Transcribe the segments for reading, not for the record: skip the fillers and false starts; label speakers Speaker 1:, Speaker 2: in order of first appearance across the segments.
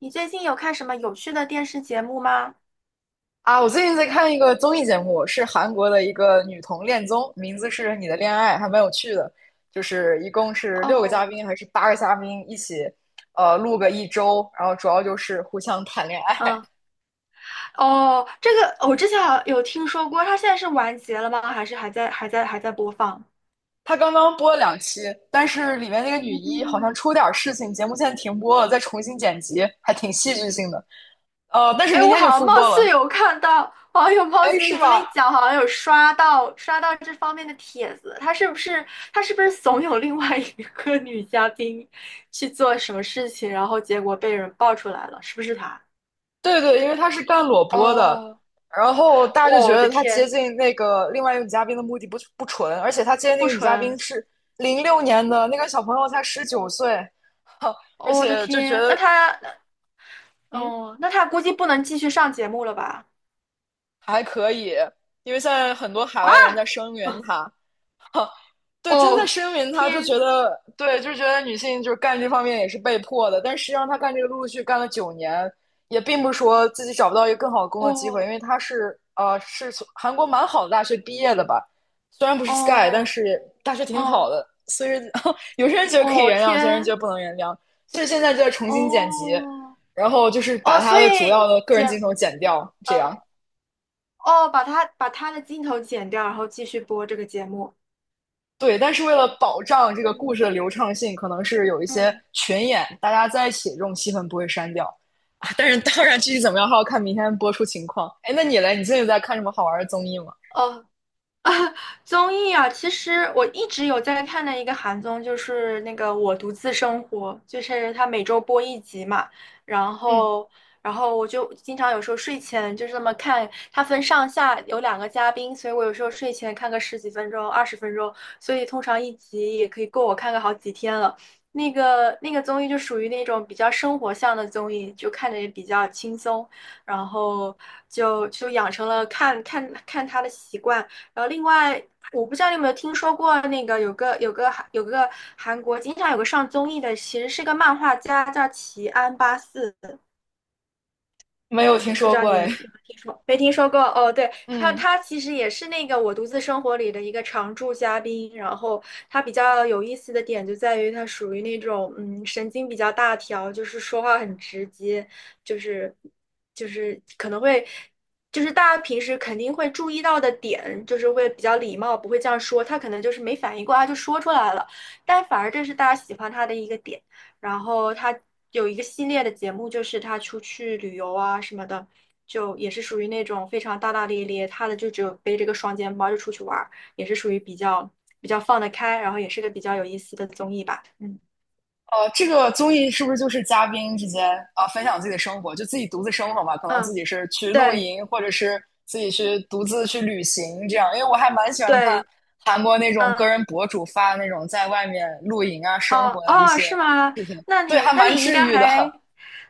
Speaker 1: 你最近有看什么有趣的电视节目吗？
Speaker 2: 啊，我最近在看一个综艺节目，是韩国的一个女同恋综，名字是《你的恋爱》，还蛮有趣的。就是一共是六个嘉
Speaker 1: 哦，
Speaker 2: 宾还是八个嘉宾一起，录个一周，然后主要就是互相谈恋爱。
Speaker 1: 嗯，哦，这个我之前好像有听说过，它现在是完结了吗？还是还在播放？
Speaker 2: 他刚刚播了两期，但是里面那个女一好
Speaker 1: 嗯，
Speaker 2: 像出点儿事情，节目现在停播了，再重新剪辑，还挺戏剧性的。但是
Speaker 1: 哎，
Speaker 2: 明
Speaker 1: 我
Speaker 2: 天
Speaker 1: 好
Speaker 2: 就
Speaker 1: 像
Speaker 2: 复
Speaker 1: 貌
Speaker 2: 播
Speaker 1: 似
Speaker 2: 了。
Speaker 1: 有看到，好像有貌
Speaker 2: 哎，
Speaker 1: 似
Speaker 2: 是
Speaker 1: 你这么一
Speaker 2: 吧？
Speaker 1: 讲，好像有刷到这方面的帖子。他是不是怂恿另外一个女嘉宾去做什么事情，然后结果被人爆出来了？是不是他？
Speaker 2: 对对，因为他是干裸播的，
Speaker 1: 哦，
Speaker 2: 然后大家就觉
Speaker 1: 我的
Speaker 2: 得他接
Speaker 1: 天，
Speaker 2: 近那个另外一个女嘉宾的目的不纯，而且他接近那
Speaker 1: 不
Speaker 2: 个女嘉宾
Speaker 1: 纯，
Speaker 2: 是06年的，那个小朋友才19岁，哈，而
Speaker 1: 我的
Speaker 2: 且就觉
Speaker 1: 天，那
Speaker 2: 得
Speaker 1: 他
Speaker 2: 嗯
Speaker 1: 哦，那他估计不能继续上节目了吧？
Speaker 2: 还可以，因为现在很多海
Speaker 1: 啊，
Speaker 2: 外的人在声援他，对，真的
Speaker 1: 哦，
Speaker 2: 声明他就觉
Speaker 1: 天，
Speaker 2: 得，对，就觉得女性就是干这方面也是被迫的，但实际上他干这个陆陆续续干了9年，也并不是说自己找不到一个更好的工作机会，因
Speaker 1: 哦，
Speaker 2: 为他是从韩国蛮好的大学毕业的吧，虽然不是 Sky,但
Speaker 1: 哦，
Speaker 2: 是大学挺好
Speaker 1: 哦，
Speaker 2: 的，所以 有些人觉得可以
Speaker 1: 哦，
Speaker 2: 原谅，有些人觉得
Speaker 1: 天，
Speaker 2: 不能原谅，所以现在就在重新剪辑，
Speaker 1: 哦，
Speaker 2: 然后就是把
Speaker 1: 哦，
Speaker 2: 他
Speaker 1: 所
Speaker 2: 的主要
Speaker 1: 以
Speaker 2: 的个人镜
Speaker 1: 剪，
Speaker 2: 头剪掉，这样。
Speaker 1: 呃哦，把他的镜头剪掉，然后继续播这个节目。
Speaker 2: 对，但是为了保障这个故事
Speaker 1: 嗯，
Speaker 2: 的流畅性，可能是有一些
Speaker 1: 嗯，
Speaker 2: 群演，大家在一起这种戏份不会删掉啊。但是当然，具体怎么样还要看明天播出情况。哎，那你嘞？你最近在看什么好玩的综艺吗？
Speaker 1: 哦。综艺啊，其实我一直有在看的一个韩综，就是那个《我独自生活》，就是它每周播一集嘛，然
Speaker 2: 嗯，
Speaker 1: 后，我就经常有时候睡前就是这么看，它分上下有两个嘉宾，所以我有时候睡前看个十几分钟、20分钟，所以通常一集也可以够我看个好几天了。那个综艺就属于那种比较生活向的综艺，就看着也比较轻松，然后就养成了看看他的习惯。然后另外，我不知道你有没有听说过那个有个韩国经常有个上综艺的，其实是个漫画家，叫齐安八四。
Speaker 2: 没有听说过哎。
Speaker 1: 听说没听说过哦？对，
Speaker 2: 嗯。
Speaker 1: 他其实也是那个《我独自生活》里的一个常驻嘉宾。然后他比较有意思的点就在于他属于那种神经比较大条，就是说话很直接，就是就是可能会就是大家平时肯定会注意到的点，就是会比较礼貌，不会这样说。他可能就是没反应过来就说出来了，但反而这是大家喜欢他的一个点。然后他有一个系列的节目，就是他出去旅游啊什么的。就也是属于那种非常大大咧咧，他的就只有背着个双肩包就出去玩儿，也是属于比较放得开，然后也是个比较有意思的综艺吧。嗯
Speaker 2: 这个综艺是不是就是嘉宾之间啊、分享自己的生活，就自己独自生活嘛？可能自
Speaker 1: 嗯，
Speaker 2: 己是去露
Speaker 1: 对
Speaker 2: 营，或者是自己去独自去旅行这样。因为我还蛮喜欢看
Speaker 1: 对，
Speaker 2: 韩国那种个
Speaker 1: 嗯
Speaker 2: 人博主发那种在外面露营啊、生活
Speaker 1: 哦
Speaker 2: 的一
Speaker 1: 哦，是
Speaker 2: 些
Speaker 1: 吗？
Speaker 2: 视频，
Speaker 1: 那
Speaker 2: 对，
Speaker 1: 你
Speaker 2: 还
Speaker 1: 那
Speaker 2: 蛮
Speaker 1: 你应
Speaker 2: 治
Speaker 1: 该
Speaker 2: 愈的。
Speaker 1: 还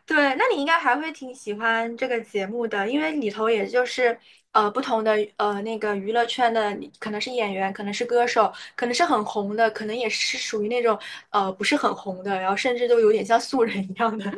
Speaker 1: 对，那你应该还会挺喜欢这个节目的，因为里头也就是不同的那个娱乐圈的，可能是演员，可能是歌手，可能是很红的，可能也是属于那种不是很红的，然后甚至都有点像素人一样的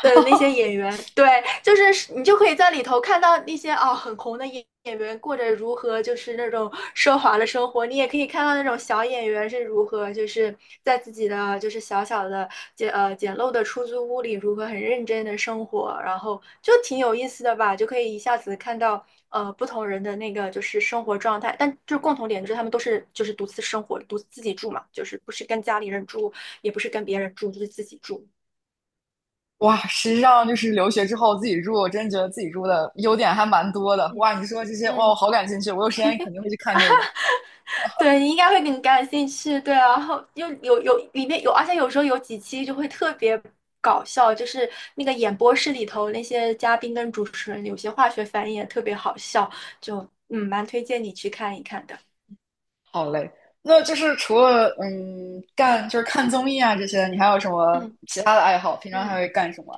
Speaker 1: 的那些演员，对，就是你就可以在里头看到那些哦很红的演员过着如何就是那种奢华的生活，你也可以看到那种小演员是如何就是在自己的就是小小的简陋的出租屋里如何很认真的生活，然后就挺有意思的吧，就可以一下子看到不同人的那个就是生活状态，但就是共同点就是他们都是就是独自生活，独自自己住嘛，就是不是跟家里人住，也不是跟别人住，就是自己住，
Speaker 2: 哇，实际上就是留学之后自己住，我真觉得自己住的优点还蛮多的。哇，
Speaker 1: 嗯
Speaker 2: 你说这些，哇，我
Speaker 1: 嗯。
Speaker 2: 好感兴趣，我有时间肯定会去看这个。
Speaker 1: 对，你应该会更感兴趣，对啊然后又有里面有，而且有时候有几期就会特别搞笑，就是那个演播室里头那些嘉宾跟主持人有些化学反应也特别好笑，就蛮推荐你去看一看的。
Speaker 2: 好嘞，那就是除了
Speaker 1: 嗯
Speaker 2: 就是看综艺啊这些，你还有什么
Speaker 1: 嗯
Speaker 2: 其他的爱好？平常还
Speaker 1: 嗯。
Speaker 2: 会干什么？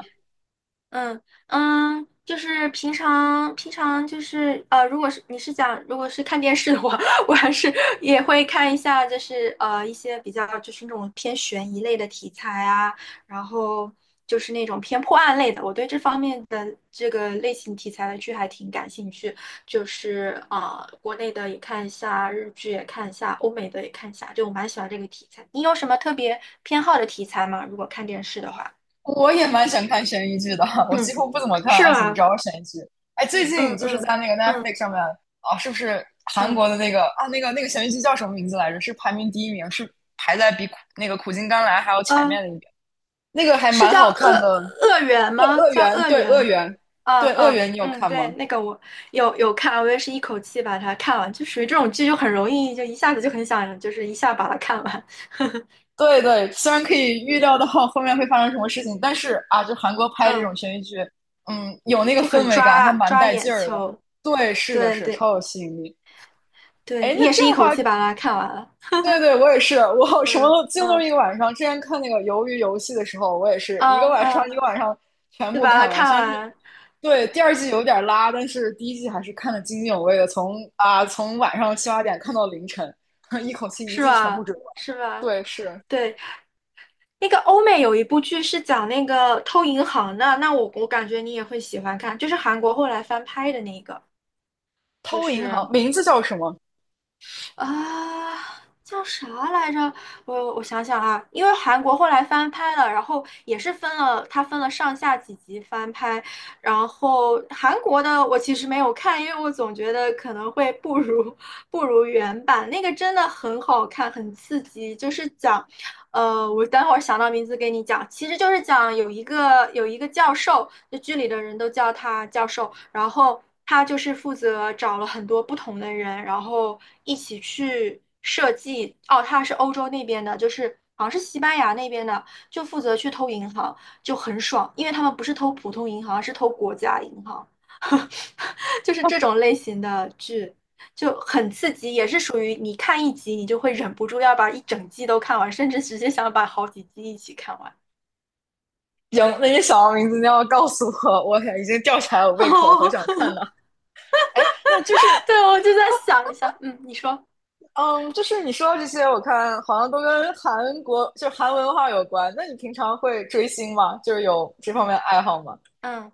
Speaker 1: 嗯嗯，就是平常就是，如果是你是讲如果是看电视的话，我还是也会看一下，就是一些比较就是那种偏悬疑类的题材啊，然后就是那种偏破案类的，我对这方面的这个类型题材的剧还挺感兴趣，就是啊，国内的也看一下，日剧也看一下，欧美的也看一下，就我蛮喜欢这个题材。你有什么特别偏好的题材吗？如果看电视的话？
Speaker 2: 我也蛮想看悬疑剧的，我几
Speaker 1: 嗯，
Speaker 2: 乎不怎么看
Speaker 1: 是
Speaker 2: 爱情
Speaker 1: 吗？
Speaker 2: 招悬疑剧。哎，最近
Speaker 1: 嗯
Speaker 2: 就是
Speaker 1: 嗯
Speaker 2: 在那个
Speaker 1: 嗯
Speaker 2: Netflix 上面啊，是不是韩
Speaker 1: 嗯
Speaker 2: 国的那个悬疑剧叫什么名字来着？是排名第一名，是排在比那个《苦尽甘来》还要前面
Speaker 1: 啊，
Speaker 2: 的一名。那个还
Speaker 1: 是
Speaker 2: 蛮
Speaker 1: 叫
Speaker 2: 好
Speaker 1: 恶
Speaker 2: 看的，
Speaker 1: 恶缘
Speaker 2: 对
Speaker 1: 吗？
Speaker 2: 《恶
Speaker 1: 叫
Speaker 2: 缘》，
Speaker 1: 恶
Speaker 2: 对
Speaker 1: 缘
Speaker 2: 《恶
Speaker 1: 吗？
Speaker 2: 缘》，
Speaker 1: 啊
Speaker 2: 对《恶
Speaker 1: 嗯
Speaker 2: 缘》，你有
Speaker 1: 嗯，
Speaker 2: 看
Speaker 1: 对，
Speaker 2: 吗？
Speaker 1: 那个我有看啊，我也是一口气把它看完，就属于这种剧就很容易，就一下子就很想，就是一下把它看完，
Speaker 2: 对对，虽然可以预料到后面会发生什么事情，但是啊，就韩国拍这
Speaker 1: 嗯，
Speaker 2: 种悬疑剧，有那个
Speaker 1: 就很
Speaker 2: 氛围感，还
Speaker 1: 抓
Speaker 2: 蛮
Speaker 1: 抓
Speaker 2: 带
Speaker 1: 眼
Speaker 2: 劲儿的。
Speaker 1: 球。
Speaker 2: 对，是的
Speaker 1: 对
Speaker 2: 是，
Speaker 1: 对
Speaker 2: 超有吸引力。
Speaker 1: 对，
Speaker 2: 哎，
Speaker 1: 你
Speaker 2: 那
Speaker 1: 也
Speaker 2: 这
Speaker 1: 是
Speaker 2: 样
Speaker 1: 一
Speaker 2: 的
Speaker 1: 口
Speaker 2: 话，
Speaker 1: 气把它看完了。
Speaker 2: 对对，我也是，我什么
Speaker 1: 嗯
Speaker 2: 都几乎都
Speaker 1: 嗯
Speaker 2: 是一个晚上。之前看那个《鱿鱼游戏》的时候，我也是一个
Speaker 1: 啊
Speaker 2: 晚上
Speaker 1: 啊，
Speaker 2: 一个晚上全
Speaker 1: 就
Speaker 2: 部
Speaker 1: 把它
Speaker 2: 看完。
Speaker 1: 看
Speaker 2: 虽然是
Speaker 1: 完，
Speaker 2: 对
Speaker 1: 对，
Speaker 2: 第二季有点拉，但是第一季还是看得津津有味的，从晚上七八点看到凌晨，一口气一
Speaker 1: 是
Speaker 2: 季全部
Speaker 1: 吧？
Speaker 2: 追完。
Speaker 1: 是吧？
Speaker 2: 对，是
Speaker 1: 对。那个欧美有一部剧是讲那个偷银行的，那我感觉你也会喜欢看，就是韩国后来翻拍的那个，就
Speaker 2: 《偷银行》，
Speaker 1: 是
Speaker 2: 名字叫什么？
Speaker 1: 啊、叫啥来着？我想想啊，因为韩国后来翻拍了，然后也是分了，它分了上下几集翻拍，然后韩国的我其实没有看，因为我总觉得可能会不如原版，那个真的很好看，很刺激，就是讲。我等会儿想到名字给你讲，其实就是讲有一个教授，就剧里的人都叫他教授，然后他就是负责找了很多不同的人，然后一起去设计。哦，他是欧洲那边的，就是好像是西班牙那边的，就负责去偷银行，就很爽，因为他们不是偷普通银行，是偷国家银行。就是这种类型的剧就很刺激，也是属于你看一集你就会忍不住要把一整季都看完，甚至直接想把好几季一起看完。
Speaker 2: 行，那你想到名字，你要告诉我，我已经吊起来我胃口，好
Speaker 1: 哦，
Speaker 2: 想看呢。哎，那就是，
Speaker 1: 对，我就在想一下，嗯，你说，
Speaker 2: 嗯，就是你说到这些，我看好像都跟韩国，就韩文化有关。那你平常会追星吗？就是有这方面
Speaker 1: 嗯
Speaker 2: 的爱好吗？
Speaker 1: 嗯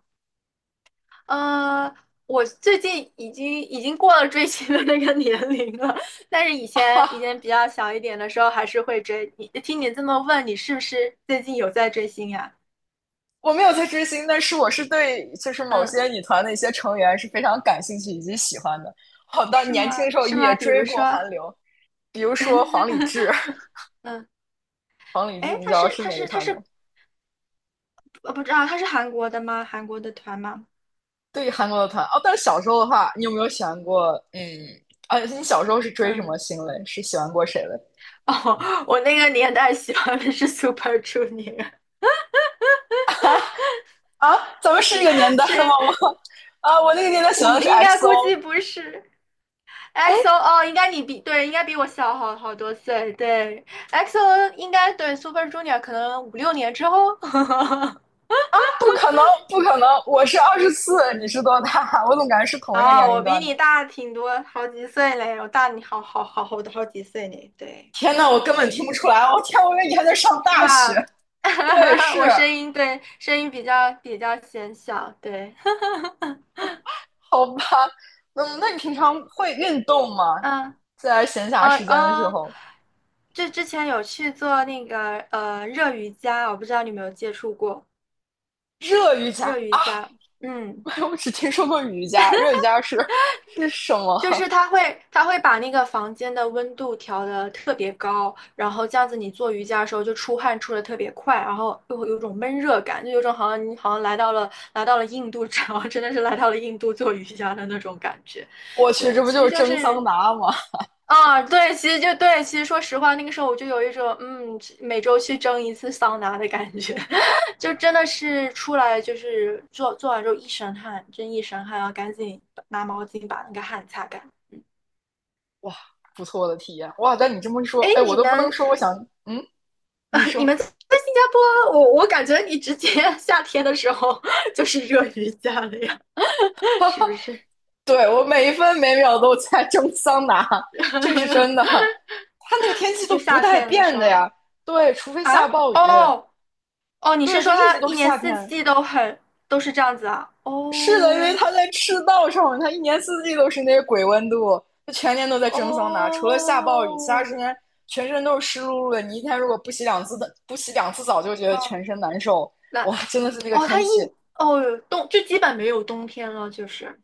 Speaker 1: 呃，我最近已经过了追星的那个年龄了，但是以前比较小一点的时候还是会追。你听你这么问，你是不是最近有在追星呀？
Speaker 2: 我没有在追星，但是我是对，就是某
Speaker 1: 嗯，
Speaker 2: 些女团的一些成员是非常感兴趣以及喜欢的。好的，
Speaker 1: 是
Speaker 2: 年轻的
Speaker 1: 吗？
Speaker 2: 时候
Speaker 1: 是
Speaker 2: 也
Speaker 1: 吗？比
Speaker 2: 追
Speaker 1: 如
Speaker 2: 过
Speaker 1: 说，
Speaker 2: 韩流，比如说黄礼志，
Speaker 1: 嗯。
Speaker 2: 黄礼志，
Speaker 1: 哎，
Speaker 2: 你知
Speaker 1: 他
Speaker 2: 道
Speaker 1: 是
Speaker 2: 是
Speaker 1: 他
Speaker 2: 哪个
Speaker 1: 是他
Speaker 2: 团吗？
Speaker 1: 是不知道他是韩国的吗？韩国的团吗？
Speaker 2: 对韩国的团哦，但是小时候的话，你有没有喜欢过？嗯，啊，你小时候是追什么
Speaker 1: 嗯，
Speaker 2: 星嘞？是喜欢过谁嘞？
Speaker 1: 哦，我那个年代喜欢的是 Super Junior，
Speaker 2: 啊，咱们是一个年 代
Speaker 1: 是
Speaker 2: 的吗？我那个年代喜
Speaker 1: 我
Speaker 2: 欢的是
Speaker 1: 应该估计
Speaker 2: XO。
Speaker 1: 不是
Speaker 2: 哎，
Speaker 1: XO 哦，应该你比对，应该比我小好多岁。对，EXO 应该对 Super Junior 可能5、6年之后。
Speaker 2: 不可能，不可能！我是24，你是多大？我怎么感觉是同一个年
Speaker 1: 哦，我
Speaker 2: 龄
Speaker 1: 比
Speaker 2: 段呢？
Speaker 1: 你大挺多，好几岁嘞，我大你好几岁呢，对，
Speaker 2: 天呐，我根本听不出来！我天，我以为你还在上
Speaker 1: 是
Speaker 2: 大学。
Speaker 1: 吧？
Speaker 2: 对，是，
Speaker 1: 我声音对声音比较显小，对，
Speaker 2: 好吧。那你平常会运动 吗？
Speaker 1: 嗯。
Speaker 2: 在闲暇
Speaker 1: 呃
Speaker 2: 时间的时
Speaker 1: 呃，
Speaker 2: 候，
Speaker 1: 这之前有去做那个热瑜伽，我不知道你有没有接触过
Speaker 2: 热瑜伽，
Speaker 1: 热瑜伽。嗯，
Speaker 2: 我只听说过瑜伽，热瑜伽是什么？
Speaker 1: 就是它会把那个房间的温度调的特别高，然后这样子你做瑜伽的时候就出汗出的特别快，然后又会有种闷热感，就有种好像你好像来到了印度，然后真的是来到了印度做瑜伽的那种感觉。
Speaker 2: 我去，
Speaker 1: 对，
Speaker 2: 这不
Speaker 1: 其
Speaker 2: 就是
Speaker 1: 实就
Speaker 2: 蒸桑
Speaker 1: 是。
Speaker 2: 拿吗？
Speaker 1: 啊，对，其实就对，其实说实话，那个时候我就有一种，嗯，每周去蒸一次桑拿的感觉，就真的是出来就是做完之后一身汗，真一身汗，然后赶紧拿毛巾把那个汗擦干。
Speaker 2: 哇，不错的体验哇！但你这么一说，
Speaker 1: 哎，
Speaker 2: 哎，我
Speaker 1: 你
Speaker 2: 都不能
Speaker 1: 们，
Speaker 2: 说，我想，嗯，
Speaker 1: 呃，
Speaker 2: 你
Speaker 1: 你
Speaker 2: 说，
Speaker 1: 们在新加坡，我感觉你直接 夏天的时候就是热瑜伽了呀，是不是？
Speaker 2: 对我每一分每秒都在蒸桑拿，这是真的。它那个天气都
Speaker 1: 就
Speaker 2: 不
Speaker 1: 夏
Speaker 2: 带
Speaker 1: 天的
Speaker 2: 变
Speaker 1: 时
Speaker 2: 的
Speaker 1: 候
Speaker 2: 呀，对，除非
Speaker 1: 啊，
Speaker 2: 下暴雨，
Speaker 1: 哦哦，你是
Speaker 2: 对，就
Speaker 1: 说
Speaker 2: 一直
Speaker 1: 它
Speaker 2: 都
Speaker 1: 一
Speaker 2: 是
Speaker 1: 年
Speaker 2: 夏
Speaker 1: 四
Speaker 2: 天。
Speaker 1: 季都是这样子啊？
Speaker 2: 是的，因为
Speaker 1: 哦。
Speaker 2: 它在赤道上，它一年四季都是那个鬼温度，它全年都在蒸桑拿，除了下暴雨，其他时
Speaker 1: 哦，
Speaker 2: 间全身都是湿漉漉的。你一天如果不洗两次的，不洗两次澡，就觉得
Speaker 1: 嗯，
Speaker 2: 全身难受。
Speaker 1: 那
Speaker 2: 哇，真的是那个
Speaker 1: 哦，它
Speaker 2: 天
Speaker 1: 一
Speaker 2: 气，
Speaker 1: 哦冬就基本没有冬天了，就是，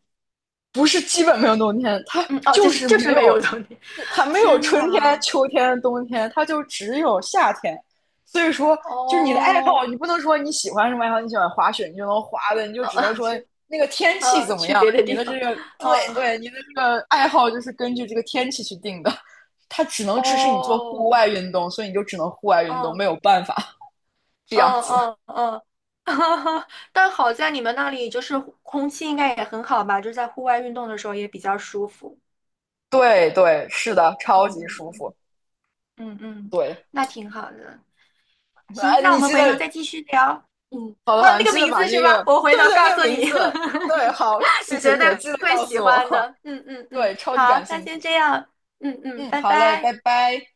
Speaker 2: 不是基本没有冬天，它
Speaker 1: 嗯，哦，就
Speaker 2: 就
Speaker 1: 是
Speaker 2: 是
Speaker 1: 就
Speaker 2: 没
Speaker 1: 是
Speaker 2: 有，
Speaker 1: 没有冬天，
Speaker 2: 它 没有
Speaker 1: 天
Speaker 2: 春天、
Speaker 1: 呐，
Speaker 2: 秋天、冬天，它就只有夏天。所以说，就是你的爱好，
Speaker 1: 哦，
Speaker 2: 你不能说你喜欢什么爱好，你喜欢滑雪，你就能滑的，你就
Speaker 1: 呃，
Speaker 2: 只能
Speaker 1: 呃
Speaker 2: 说
Speaker 1: 是
Speaker 2: 那个天气
Speaker 1: 呃，
Speaker 2: 怎么
Speaker 1: 去
Speaker 2: 样，
Speaker 1: 别的
Speaker 2: 你
Speaker 1: 地
Speaker 2: 的这
Speaker 1: 方，
Speaker 2: 个对
Speaker 1: 嗯，
Speaker 2: 对，你的这个爱好就是根据这个天气去定的，它只能支持你做户
Speaker 1: 哦，
Speaker 2: 外运动，所以你就只能户外运动，没
Speaker 1: 嗯
Speaker 2: 有办法 这样
Speaker 1: 嗯
Speaker 2: 子。
Speaker 1: 嗯嗯，但好在你们那里就是空气应该也很好吧，就在户外运动的时候也比较舒服，
Speaker 2: 对对，是的，
Speaker 1: 嗯
Speaker 2: 超级
Speaker 1: 嗯嗯
Speaker 2: 舒
Speaker 1: 嗯
Speaker 2: 服。
Speaker 1: 嗯，嗯
Speaker 2: 对，
Speaker 1: 那挺好的，行，
Speaker 2: 啊，
Speaker 1: 那我
Speaker 2: 你
Speaker 1: 们
Speaker 2: 记
Speaker 1: 回头
Speaker 2: 得
Speaker 1: 再继续聊。嗯，
Speaker 2: 好的，
Speaker 1: 哦，
Speaker 2: 好的，
Speaker 1: 那
Speaker 2: 你
Speaker 1: 个
Speaker 2: 记得
Speaker 1: 名
Speaker 2: 把
Speaker 1: 字是
Speaker 2: 那个，
Speaker 1: 吧？我回
Speaker 2: 对
Speaker 1: 头
Speaker 2: 对，那
Speaker 1: 告
Speaker 2: 个
Speaker 1: 诉
Speaker 2: 名
Speaker 1: 你，
Speaker 2: 字，对，好，谢
Speaker 1: 你
Speaker 2: 谢
Speaker 1: 绝
Speaker 2: 谢
Speaker 1: 对
Speaker 2: 谢，记得
Speaker 1: 会
Speaker 2: 告
Speaker 1: 喜
Speaker 2: 诉
Speaker 1: 欢
Speaker 2: 我，
Speaker 1: 的。嗯嗯 嗯，
Speaker 2: 对，超级感
Speaker 1: 好，那
Speaker 2: 兴
Speaker 1: 先
Speaker 2: 趣，
Speaker 1: 这样。嗯嗯，
Speaker 2: 嗯，
Speaker 1: 拜
Speaker 2: 好嘞，拜
Speaker 1: 拜。
Speaker 2: 拜。